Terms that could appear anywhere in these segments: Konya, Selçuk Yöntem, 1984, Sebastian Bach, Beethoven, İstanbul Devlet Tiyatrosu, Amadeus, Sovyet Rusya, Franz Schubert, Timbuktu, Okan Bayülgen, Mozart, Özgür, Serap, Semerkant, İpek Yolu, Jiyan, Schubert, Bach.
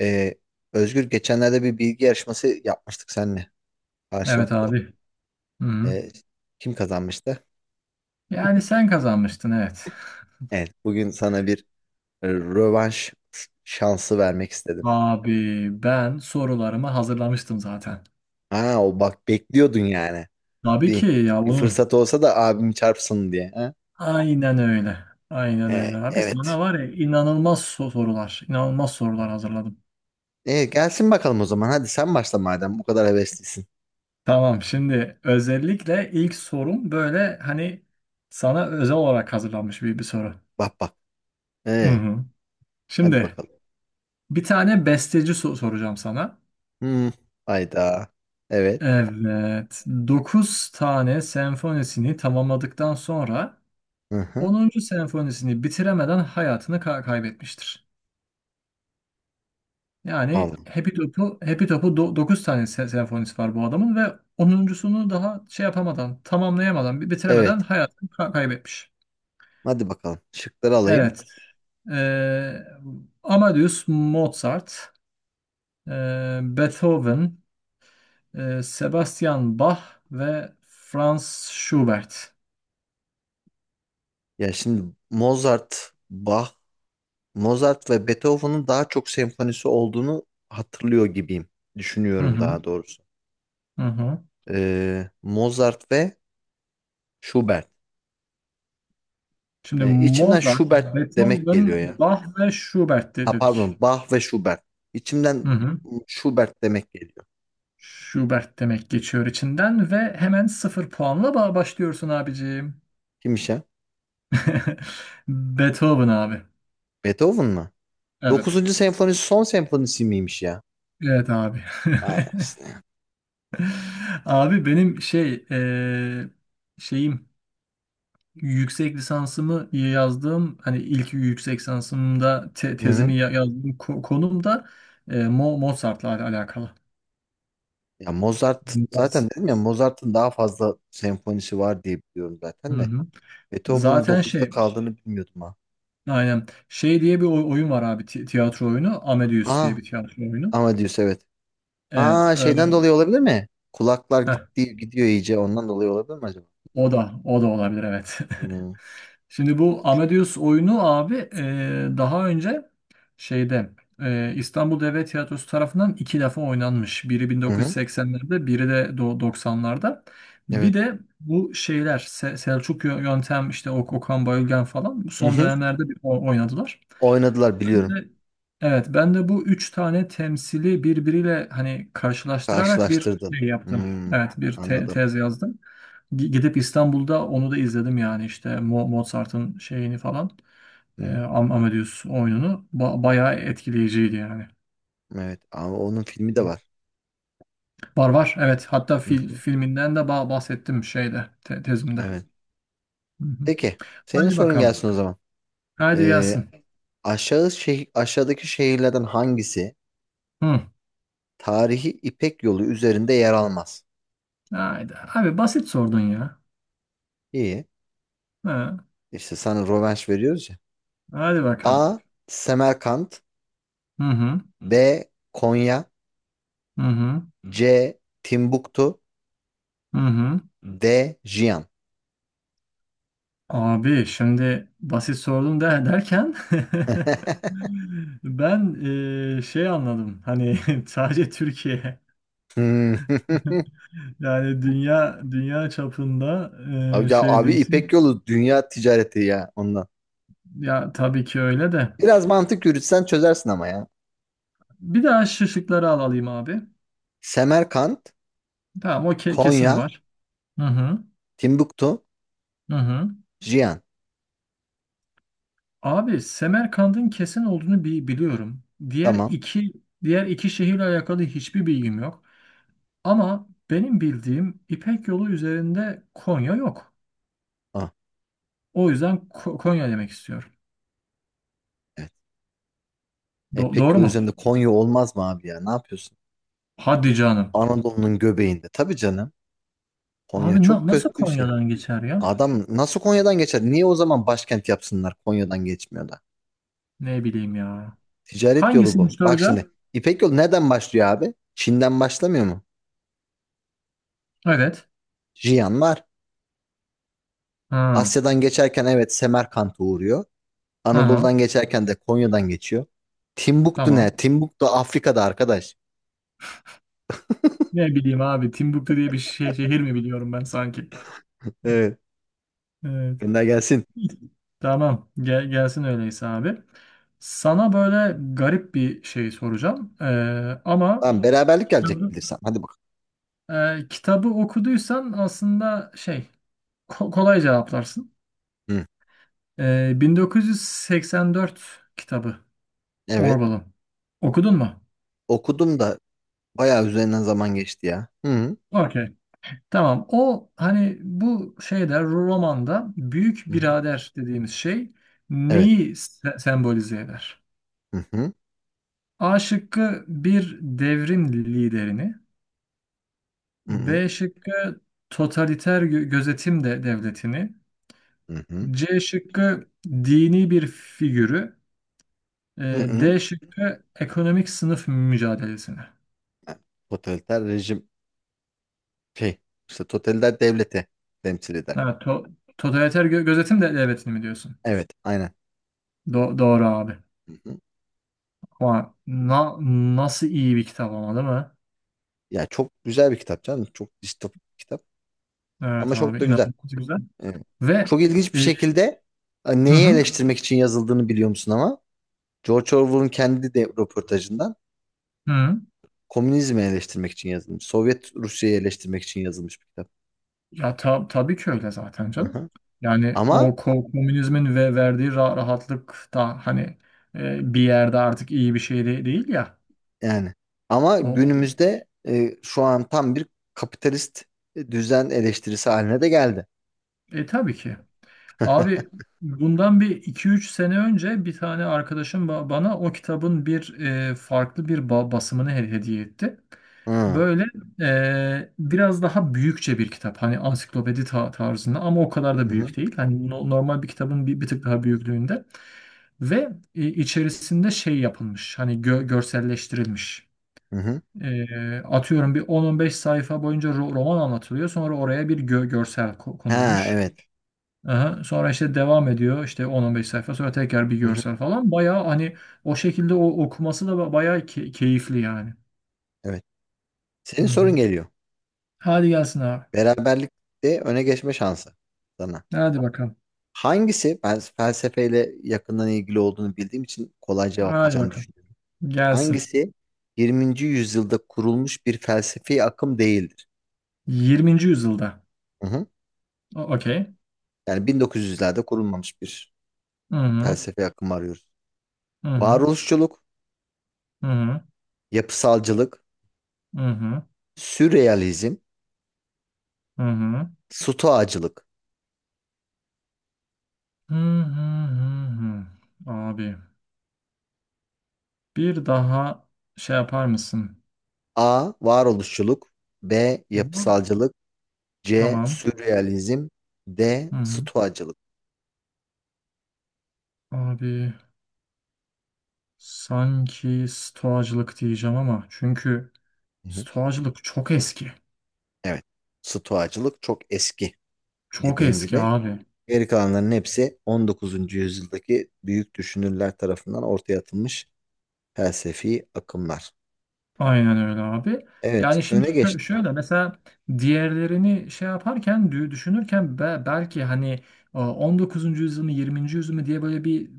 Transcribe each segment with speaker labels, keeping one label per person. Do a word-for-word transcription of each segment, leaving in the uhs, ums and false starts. Speaker 1: Ee, Özgür geçenlerde bir bilgi yarışması yapmıştık seninle
Speaker 2: Evet
Speaker 1: karşılıklı.
Speaker 2: abi. Hı. Hı.
Speaker 1: Ee, kim kazanmıştı?
Speaker 2: Yani sen kazanmıştın evet.
Speaker 1: Evet, bugün sana bir e, rövanş şansı vermek istedim.
Speaker 2: Abi ben sorularımı hazırlamıştım zaten.
Speaker 1: Ha, o bak bekliyordun yani.
Speaker 2: Tabii ki
Speaker 1: Bir,
Speaker 2: ya
Speaker 1: bir
Speaker 2: bunu.
Speaker 1: fırsat olsa da abimi çarpsın diye. Ha?
Speaker 2: Aynen öyle. Aynen öyle
Speaker 1: Ee,
Speaker 2: abi. Sana
Speaker 1: evet.
Speaker 2: var ya inanılmaz so- sorular. İnanılmaz sorular hazırladım.
Speaker 1: Ee, gelsin bakalım o zaman. Hadi sen başla madem bu kadar heveslisin.
Speaker 2: Tamam, şimdi özellikle ilk sorum böyle hani sana özel olarak hazırlanmış bir, bir soru.
Speaker 1: Bak bak.
Speaker 2: Hı
Speaker 1: Ee,
Speaker 2: hı.
Speaker 1: hadi
Speaker 2: Şimdi
Speaker 1: bakalım.
Speaker 2: bir tane besteci so- soracağım sana.
Speaker 1: Hmm, hayda. Evet.
Speaker 2: Evet. Dokuz tane senfonisini tamamladıktan sonra
Speaker 1: Hı hı.
Speaker 2: onuncu senfonisini bitiremeden hayatını ka- kaybetmiştir. Yani
Speaker 1: Aldım.
Speaker 2: Happy Top'u Happy Top'u dokuz tane se- senfonisi var bu adamın ve onuncusunu daha şey yapamadan, tamamlayamadan, bi- bitiremeden
Speaker 1: Evet.
Speaker 2: hayatını ka- kaybetmiş.
Speaker 1: Hadi bakalım. Şıkları alayım.
Speaker 2: Evet. eee, Amadeus Mozart, eee, Beethoven, eee, Sebastian Bach ve Franz Schubert.
Speaker 1: Ya şimdi Mozart, Bach, Mozart ve Beethoven'ın daha çok senfonisi olduğunu hatırlıyor gibiyim.
Speaker 2: Hı
Speaker 1: Düşünüyorum
Speaker 2: hı,
Speaker 1: daha doğrusu.
Speaker 2: hı hı.
Speaker 1: Ee, Mozart ve Schubert.
Speaker 2: Şimdi
Speaker 1: Ee, içimden
Speaker 2: Mozart,
Speaker 1: Schubert demek
Speaker 2: Beethoven,
Speaker 1: geliyor ya.
Speaker 2: Bach ve Schubert de-
Speaker 1: Ha
Speaker 2: dedik.
Speaker 1: pardon, Bach ve Schubert.
Speaker 2: Hı
Speaker 1: İçimden
Speaker 2: hı.
Speaker 1: Schubert demek geliyor.
Speaker 2: Schubert demek geçiyor içinden ve hemen sıfır puanla ba- başlıyorsun abicim.
Speaker 1: Kimmiş ya?
Speaker 2: Beethoven abi.
Speaker 1: Beethoven mı?
Speaker 2: Evet.
Speaker 1: dokuzuncu senfonisi son senfonisi miymiş ya?
Speaker 2: Evet abi.
Speaker 1: Vay anasını.
Speaker 2: Abi benim şey eee, şeyim, yüksek lisansımı yazdığım, hani ilk yüksek lisansımda te-
Speaker 1: Hı hı.
Speaker 2: tezimi ya- yazdığım ko- konum da eee, Mo- Mozart'la al- alakalı.
Speaker 1: Ya Mozart
Speaker 2: Mozart.
Speaker 1: zaten dedim ya Mozart'ın daha fazla senfonisi var diye biliyorum
Speaker 2: Hı
Speaker 1: zaten de.
Speaker 2: hı.
Speaker 1: Beethoven'ın
Speaker 2: Zaten
Speaker 1: dokuzda
Speaker 2: şey,
Speaker 1: kaldığını bilmiyordum ha.
Speaker 2: aynen, şey diye bir oy- oyun var abi, ti- tiyatro oyunu, Amadeus
Speaker 1: Aa,
Speaker 2: diye bir tiyatro oyunu.
Speaker 1: Amadeus evet.
Speaker 2: Evet,
Speaker 1: Ha
Speaker 2: e,
Speaker 1: şeyden dolayı olabilir mi? Kulaklar
Speaker 2: heh,
Speaker 1: gitti, gidiyor iyice ondan dolayı olabilir mi acaba?
Speaker 2: o da o da olabilir evet.
Speaker 1: Hmm.
Speaker 2: Şimdi bu Amadeus oyunu abi, e, daha önce şeyde, e, İstanbul Devlet Tiyatrosu tarafından iki defa oynanmış. Biri
Speaker 1: Hı hı.
Speaker 2: bin dokuz yüz seksenlerde, biri de do- doksanlarda. Bir
Speaker 1: Evet.
Speaker 2: de bu şeyler Se- Selçuk Yö- Yöntem, işte Ok- Okan Bayülgen falan,
Speaker 1: Hı
Speaker 2: son
Speaker 1: hı.
Speaker 2: dönemlerde bir o- oynadılar.
Speaker 1: Oynadılar
Speaker 2: Ben
Speaker 1: biliyorum.
Speaker 2: de- evet, ben de bu üç tane temsili birbiriyle hani karşılaştırarak bir
Speaker 1: Karşılaştırdın.
Speaker 2: şey yaptım.
Speaker 1: Hmm.
Speaker 2: Evet, bir te-
Speaker 1: Anladım.
Speaker 2: tez yazdım. Gi- Gidip İstanbul'da onu da izledim yani, işte Mo- Mozart'ın şeyini falan.
Speaker 1: Hı
Speaker 2: E,
Speaker 1: hı.
Speaker 2: Am- Amadeus oyununu. Ba- bayağı etkileyiciydi yani.
Speaker 1: Evet ama onun filmi de var.
Speaker 2: Var var evet, hatta
Speaker 1: Hı
Speaker 2: fil,
Speaker 1: hı.
Speaker 2: filminden de ba- bahsettim şeyde, te- tezimde.
Speaker 1: Evet.
Speaker 2: Hı hı.
Speaker 1: Peki senin
Speaker 2: Haydi
Speaker 1: sorun
Speaker 2: bakalım.
Speaker 1: gelsin o zaman.
Speaker 2: Haydi
Speaker 1: Ee,
Speaker 2: gelsin.
Speaker 1: aşağı şeh- aşağıdaki şehirlerden hangisi
Speaker 2: Hı.
Speaker 1: tarihi İpek Yolu üzerinde yer almaz?
Speaker 2: Haydi. Abi basit sordun ya.
Speaker 1: İyi.
Speaker 2: Ha.
Speaker 1: İşte sana rövanş veriyoruz.
Speaker 2: Haydi bakalım.
Speaker 1: A. Semerkant.
Speaker 2: Hı hı.
Speaker 1: B. Konya.
Speaker 2: Hı hı.
Speaker 1: C. Timbuktu.
Speaker 2: Hı hı.
Speaker 1: D. Jiyan.
Speaker 2: Abi şimdi basit sordum de, derken, ben, eee, şey anladım hani, sadece Türkiye,
Speaker 1: Hmm.
Speaker 2: yani dünya dünya çapında, eee,
Speaker 1: Abi, ya,
Speaker 2: şey
Speaker 1: abi İpek
Speaker 2: diyorsun.
Speaker 1: Yolu dünya ticareti ya ondan.
Speaker 2: Ya tabii ki öyle de,
Speaker 1: Biraz mantık yürütsen çözersin ama ya.
Speaker 2: bir daha şu şıkları al alayım abi.
Speaker 1: Semerkant,
Speaker 2: Tamam, o ke- kesin
Speaker 1: Konya,
Speaker 2: var. Hı hı,
Speaker 1: Timbuktu,
Speaker 2: hı hı.
Speaker 1: Jiyan.
Speaker 2: Abi, Semerkand'ın kesin olduğunu bi- biliyorum. diğer
Speaker 1: Tamam.
Speaker 2: iki diğer iki şehirle alakalı hiçbir bilgim yok. Ama benim bildiğim, İpek Yolu üzerinde Konya yok.
Speaker 1: Ah,
Speaker 2: O yüzden Ko- Konya demek istiyorum.
Speaker 1: evet.
Speaker 2: Do-
Speaker 1: İpek
Speaker 2: doğru
Speaker 1: Yolu
Speaker 2: mu?
Speaker 1: üzerinde Konya olmaz mı abi ya? Ne yapıyorsun?
Speaker 2: Hadi canım.
Speaker 1: Anadolu'nun göbeğinde. Tabii canım. Konya
Speaker 2: Abi
Speaker 1: çok
Speaker 2: na- nasıl
Speaker 1: köklü bir şey.
Speaker 2: Konya'dan geçer ya?
Speaker 1: Adam nasıl Konya'dan geçer? Niye o zaman başkent yapsınlar? Konya'dan geçmiyor da.
Speaker 2: Ne bileyim ya.
Speaker 1: Ticaret yolu bu.
Speaker 2: Hangisini soru.
Speaker 1: Bak şimdi İpek yolu nereden başlıyor abi? Çin'den başlamıyor mu?
Speaker 2: Evet.
Speaker 1: Jiyan var.
Speaker 2: Ha.
Speaker 1: Asya'dan geçerken evet Semerkant'a uğruyor.
Speaker 2: Aha.
Speaker 1: Anadolu'dan geçerken de Konya'dan geçiyor. Timbuktu ne?
Speaker 2: Tamam.
Speaker 1: Timbuktu Afrika'da arkadaş.
Speaker 2: Ne bileyim abi. Timbuktu diye bir şey, şehir mi biliyorum ben sanki?
Speaker 1: Evet.
Speaker 2: Evet.
Speaker 1: Gönder gelsin.
Speaker 2: Tamam. Gel, gelsin öyleyse abi. Sana böyle garip bir şey soracağım. Ee, ama,
Speaker 1: Tamam beraberlik gelecek bilirsem. Hadi bakalım.
Speaker 2: Ee, kitabı okuduysan aslında şey ko- kolay cevaplarsın.
Speaker 1: Hı.
Speaker 2: Ee, bin dokuz yüz seksen dört kitabı,
Speaker 1: Evet.
Speaker 2: Orwell'ın. Okudun mu?
Speaker 1: Okudum da bayağı üzerinden zaman geçti ya. Hı hı.
Speaker 2: Okey. Tamam. O hani, bu şeyde, romanda büyük
Speaker 1: Hı hı.
Speaker 2: birader dediğimiz şey
Speaker 1: Evet.
Speaker 2: neyi se- sembolize eder?
Speaker 1: Hı hı.
Speaker 2: A şıkkı: bir devrim liderini,
Speaker 1: Hı hı.
Speaker 2: B şıkkı: totaliter gö- gözetim de devletini,
Speaker 1: Hı hı.
Speaker 2: C şıkkı: dini bir figürü,
Speaker 1: Hı
Speaker 2: Ee,
Speaker 1: hı.
Speaker 2: D şıkkı: ekonomik sınıf mücadelesini.
Speaker 1: Totaliter rejim şey işte totaliter devleti temsil eder.
Speaker 2: Evet, to totaliter gö- gözetim de devletini mi diyorsun?
Speaker 1: Evet, aynen.
Speaker 2: Do- doğru abi.
Speaker 1: Hı hı.
Speaker 2: Ama na- nasıl iyi bir kitap ama, değil mi?
Speaker 1: Ya çok güzel bir kitap canım. Çok distopik bir kitap.
Speaker 2: Evet
Speaker 1: Ama
Speaker 2: abi,
Speaker 1: çok da güzel.
Speaker 2: inanılmaz güzel.
Speaker 1: Evet.
Speaker 2: Ve
Speaker 1: Çok ilginç bir
Speaker 2: e,
Speaker 1: şekilde e,
Speaker 2: hı
Speaker 1: neyi
Speaker 2: hı,
Speaker 1: eleştirmek için yazıldığını biliyor musun ama? George Orwell'ın kendi de röportajından
Speaker 2: hı.
Speaker 1: komünizmi eleştirmek için yazılmış. Sovyet Rusya'yı eleştirmek için yazılmış bir kitap.
Speaker 2: Ya ta- tabii ki öyle zaten
Speaker 1: Hı
Speaker 2: canım.
Speaker 1: hı.
Speaker 2: Yani o
Speaker 1: Ama
Speaker 2: ko- komünizmin ve verdiği ra- rahatlık da hani, e, bir yerde artık iyi bir şey de- değil ya.
Speaker 1: yani ama
Speaker 2: O,
Speaker 1: günümüzde e, şu an tam bir kapitalist düzen eleştirisi haline de geldi.
Speaker 2: e tabii ki. Abi bundan bir iki üç sene önce bir tane arkadaşım ba- bana o kitabın bir e, farklı bir ba- basımını he- hediye etti.
Speaker 1: Hı.
Speaker 2: Böyle e, biraz daha büyükçe bir kitap. Hani ansiklopedi ta- tarzında, ama o kadar
Speaker 1: Hı
Speaker 2: da
Speaker 1: hı.
Speaker 2: büyük değil. Hani no- normal bir kitabın bir, bir tık daha büyüklüğünde. Ve e, içerisinde şey yapılmış. Hani gö- görselleştirilmiş.
Speaker 1: Hı.
Speaker 2: E, atıyorum, bir on on beş sayfa boyunca ro- roman anlatılıyor. Sonra oraya bir gö- görsel ko-
Speaker 1: Ha
Speaker 2: konulmuş.
Speaker 1: evet.
Speaker 2: Aha, sonra işte devam ediyor, işte on on beş sayfa sonra tekrar bir
Speaker 1: Hı hı.
Speaker 2: görsel falan. Bayağı hani, o şekilde o okuması da ba- bayağı key- keyifli yani.
Speaker 1: Evet.
Speaker 2: Hı
Speaker 1: Senin sorun
Speaker 2: hı.
Speaker 1: geliyor.
Speaker 2: Hadi gelsin abi.
Speaker 1: Beraberlikte öne geçme şansı sana.
Speaker 2: Hadi bakalım.
Speaker 1: Hangisi, ben felsefeyle yakından ilgili olduğunu bildiğim için kolay
Speaker 2: Hadi
Speaker 1: cevaplayacağını
Speaker 2: bakalım.
Speaker 1: düşünüyorum.
Speaker 2: Gelsin.
Speaker 1: Hangisi yirminci yüzyılda kurulmuş bir felsefi akım değildir?
Speaker 2: yirminci yüzyılda.
Speaker 1: Hı hı.
Speaker 2: O- Okey.
Speaker 1: Yani bin dokuz yüzlerde kurulmamış bir
Speaker 2: Hı hı.
Speaker 1: felsefi akım arıyoruz.
Speaker 2: Hı hı.
Speaker 1: Varoluşçuluk,
Speaker 2: Hı hı.
Speaker 1: yapısalcılık,
Speaker 2: Hı hı.
Speaker 1: sürrealizm,
Speaker 2: Hı hı.
Speaker 1: stoacılık.
Speaker 2: Hı hı hı hı. Abi, bir daha şey yapar mısın?
Speaker 1: A. Varoluşçuluk. B.
Speaker 2: Bu-
Speaker 1: Yapısalcılık. C.
Speaker 2: Tamam.
Speaker 1: Sürrealizm. D.
Speaker 2: Hı hı.
Speaker 1: Stoacılık.
Speaker 2: Abi sanki stoğacılık diyeceğim ama, çünkü
Speaker 1: Hı.
Speaker 2: stoğacılık çok eski.
Speaker 1: Evet. Stoacılık çok eski
Speaker 2: Çok
Speaker 1: dediğin
Speaker 2: eski
Speaker 1: gibi.
Speaker 2: abi.
Speaker 1: Geri kalanların hepsi on dokuzuncu yüzyıldaki büyük düşünürler tarafından ortaya atılmış felsefi akımlar.
Speaker 2: Aynen öyle abi.
Speaker 1: Evet,
Speaker 2: Yani şimdi
Speaker 1: öne
Speaker 2: şö-
Speaker 1: geçti.
Speaker 2: şöyle mesela diğerlerini şey yaparken dü- düşünürken, be- belki hani, e, on dokuzuncu yüzyıl mı, yirminci yüzyıl mı diye böyle bir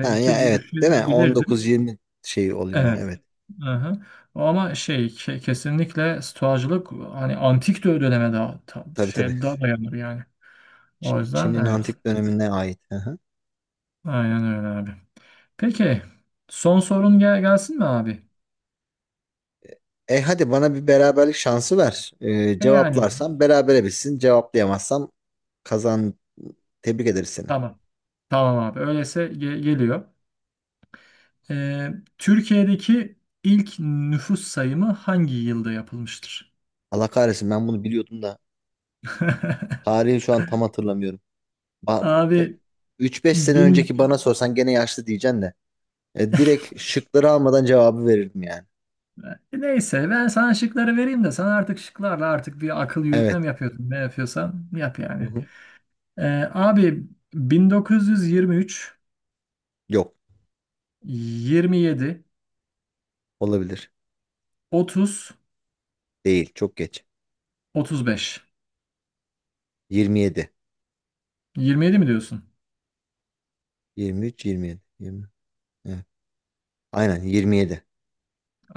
Speaker 1: Ha ya
Speaker 2: dü-
Speaker 1: evet, değil mi?
Speaker 2: düşünebilirdim.
Speaker 1: on dokuz yirmi şey oluyor.
Speaker 2: Evet.
Speaker 1: Evet.
Speaker 2: Aha. Ama şey, ke- kesinlikle stoğacılık hani antik dö- döneme daha ta-
Speaker 1: Tabii tabii.
Speaker 2: şey daha dayanır yani. O
Speaker 1: Ç-
Speaker 2: yüzden
Speaker 1: Çin'in
Speaker 2: evet.
Speaker 1: antik dönemine ait. Hı hı.
Speaker 2: Aynen öyle abi. Peki, son sorun gel gelsin mi abi?
Speaker 1: E hadi bana bir beraberlik şansı ver. E,
Speaker 2: E yani
Speaker 1: cevaplarsam berabere bitsin. Cevaplayamazsam kazan. Tebrik ederiz seni.
Speaker 2: tamam. Tamam abi. Öyleyse ge- geliyor. Ee, Türkiye'deki ilk nüfus sayımı hangi yılda yapılmıştır?
Speaker 1: Allah kahretsin ben bunu biliyordum da tarihi şu an tam hatırlamıyorum. Ba- e,
Speaker 2: Abi
Speaker 1: üç beş sene
Speaker 2: bin...
Speaker 1: önceki bana sorsan gene yaşlı diyeceksin de. E, direkt şıkları almadan cevabı verirdim yani.
Speaker 2: neyse, ben sana şıkları vereyim de sen artık şıklarla artık bir akıl yürütme
Speaker 1: Evet.
Speaker 2: mi yapıyorsun? Ne yapıyorsan yap
Speaker 1: Hı
Speaker 2: yani.
Speaker 1: hı.
Speaker 2: Ee, abi: bin dokuz yüz yirmi üç,
Speaker 1: Yok.
Speaker 2: yirmi yedi,
Speaker 1: Olabilir.
Speaker 2: otuz,
Speaker 1: Değil. Çok geç.
Speaker 2: otuz beş.
Speaker 1: yirmi yedi.
Speaker 2: yirmi yedi mi diyorsun?
Speaker 1: yirmi üç, yirmi yedi. yirmi. Evet. Aynen yirmi yedi.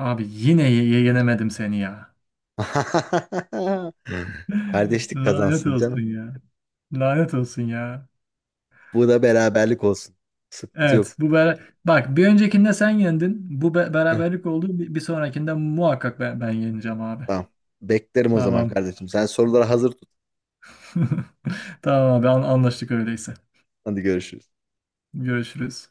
Speaker 2: Abi yine ye- yenemedim seni ya.
Speaker 1: Kardeşlik
Speaker 2: Lanet
Speaker 1: kazansın
Speaker 2: olsun
Speaker 1: canım.
Speaker 2: ya. Lanet olsun ya.
Speaker 1: Bu da beraberlik olsun. Sıkıntı yok.
Speaker 2: Evet, bu bera- bak, bir öncekinde sen yendin. Bu be-
Speaker 1: Heh,
Speaker 2: beraberlik oldu. Bir, bir sonrakinde muhakkak ben, ben yeneceğim abi.
Speaker 1: tamam. Beklerim o zaman
Speaker 2: Tamam.
Speaker 1: kardeşim. Sen soruları hazır tut.
Speaker 2: Tamam abi, an- anlaştık öyleyse.
Speaker 1: Hadi görüşürüz.
Speaker 2: Görüşürüz.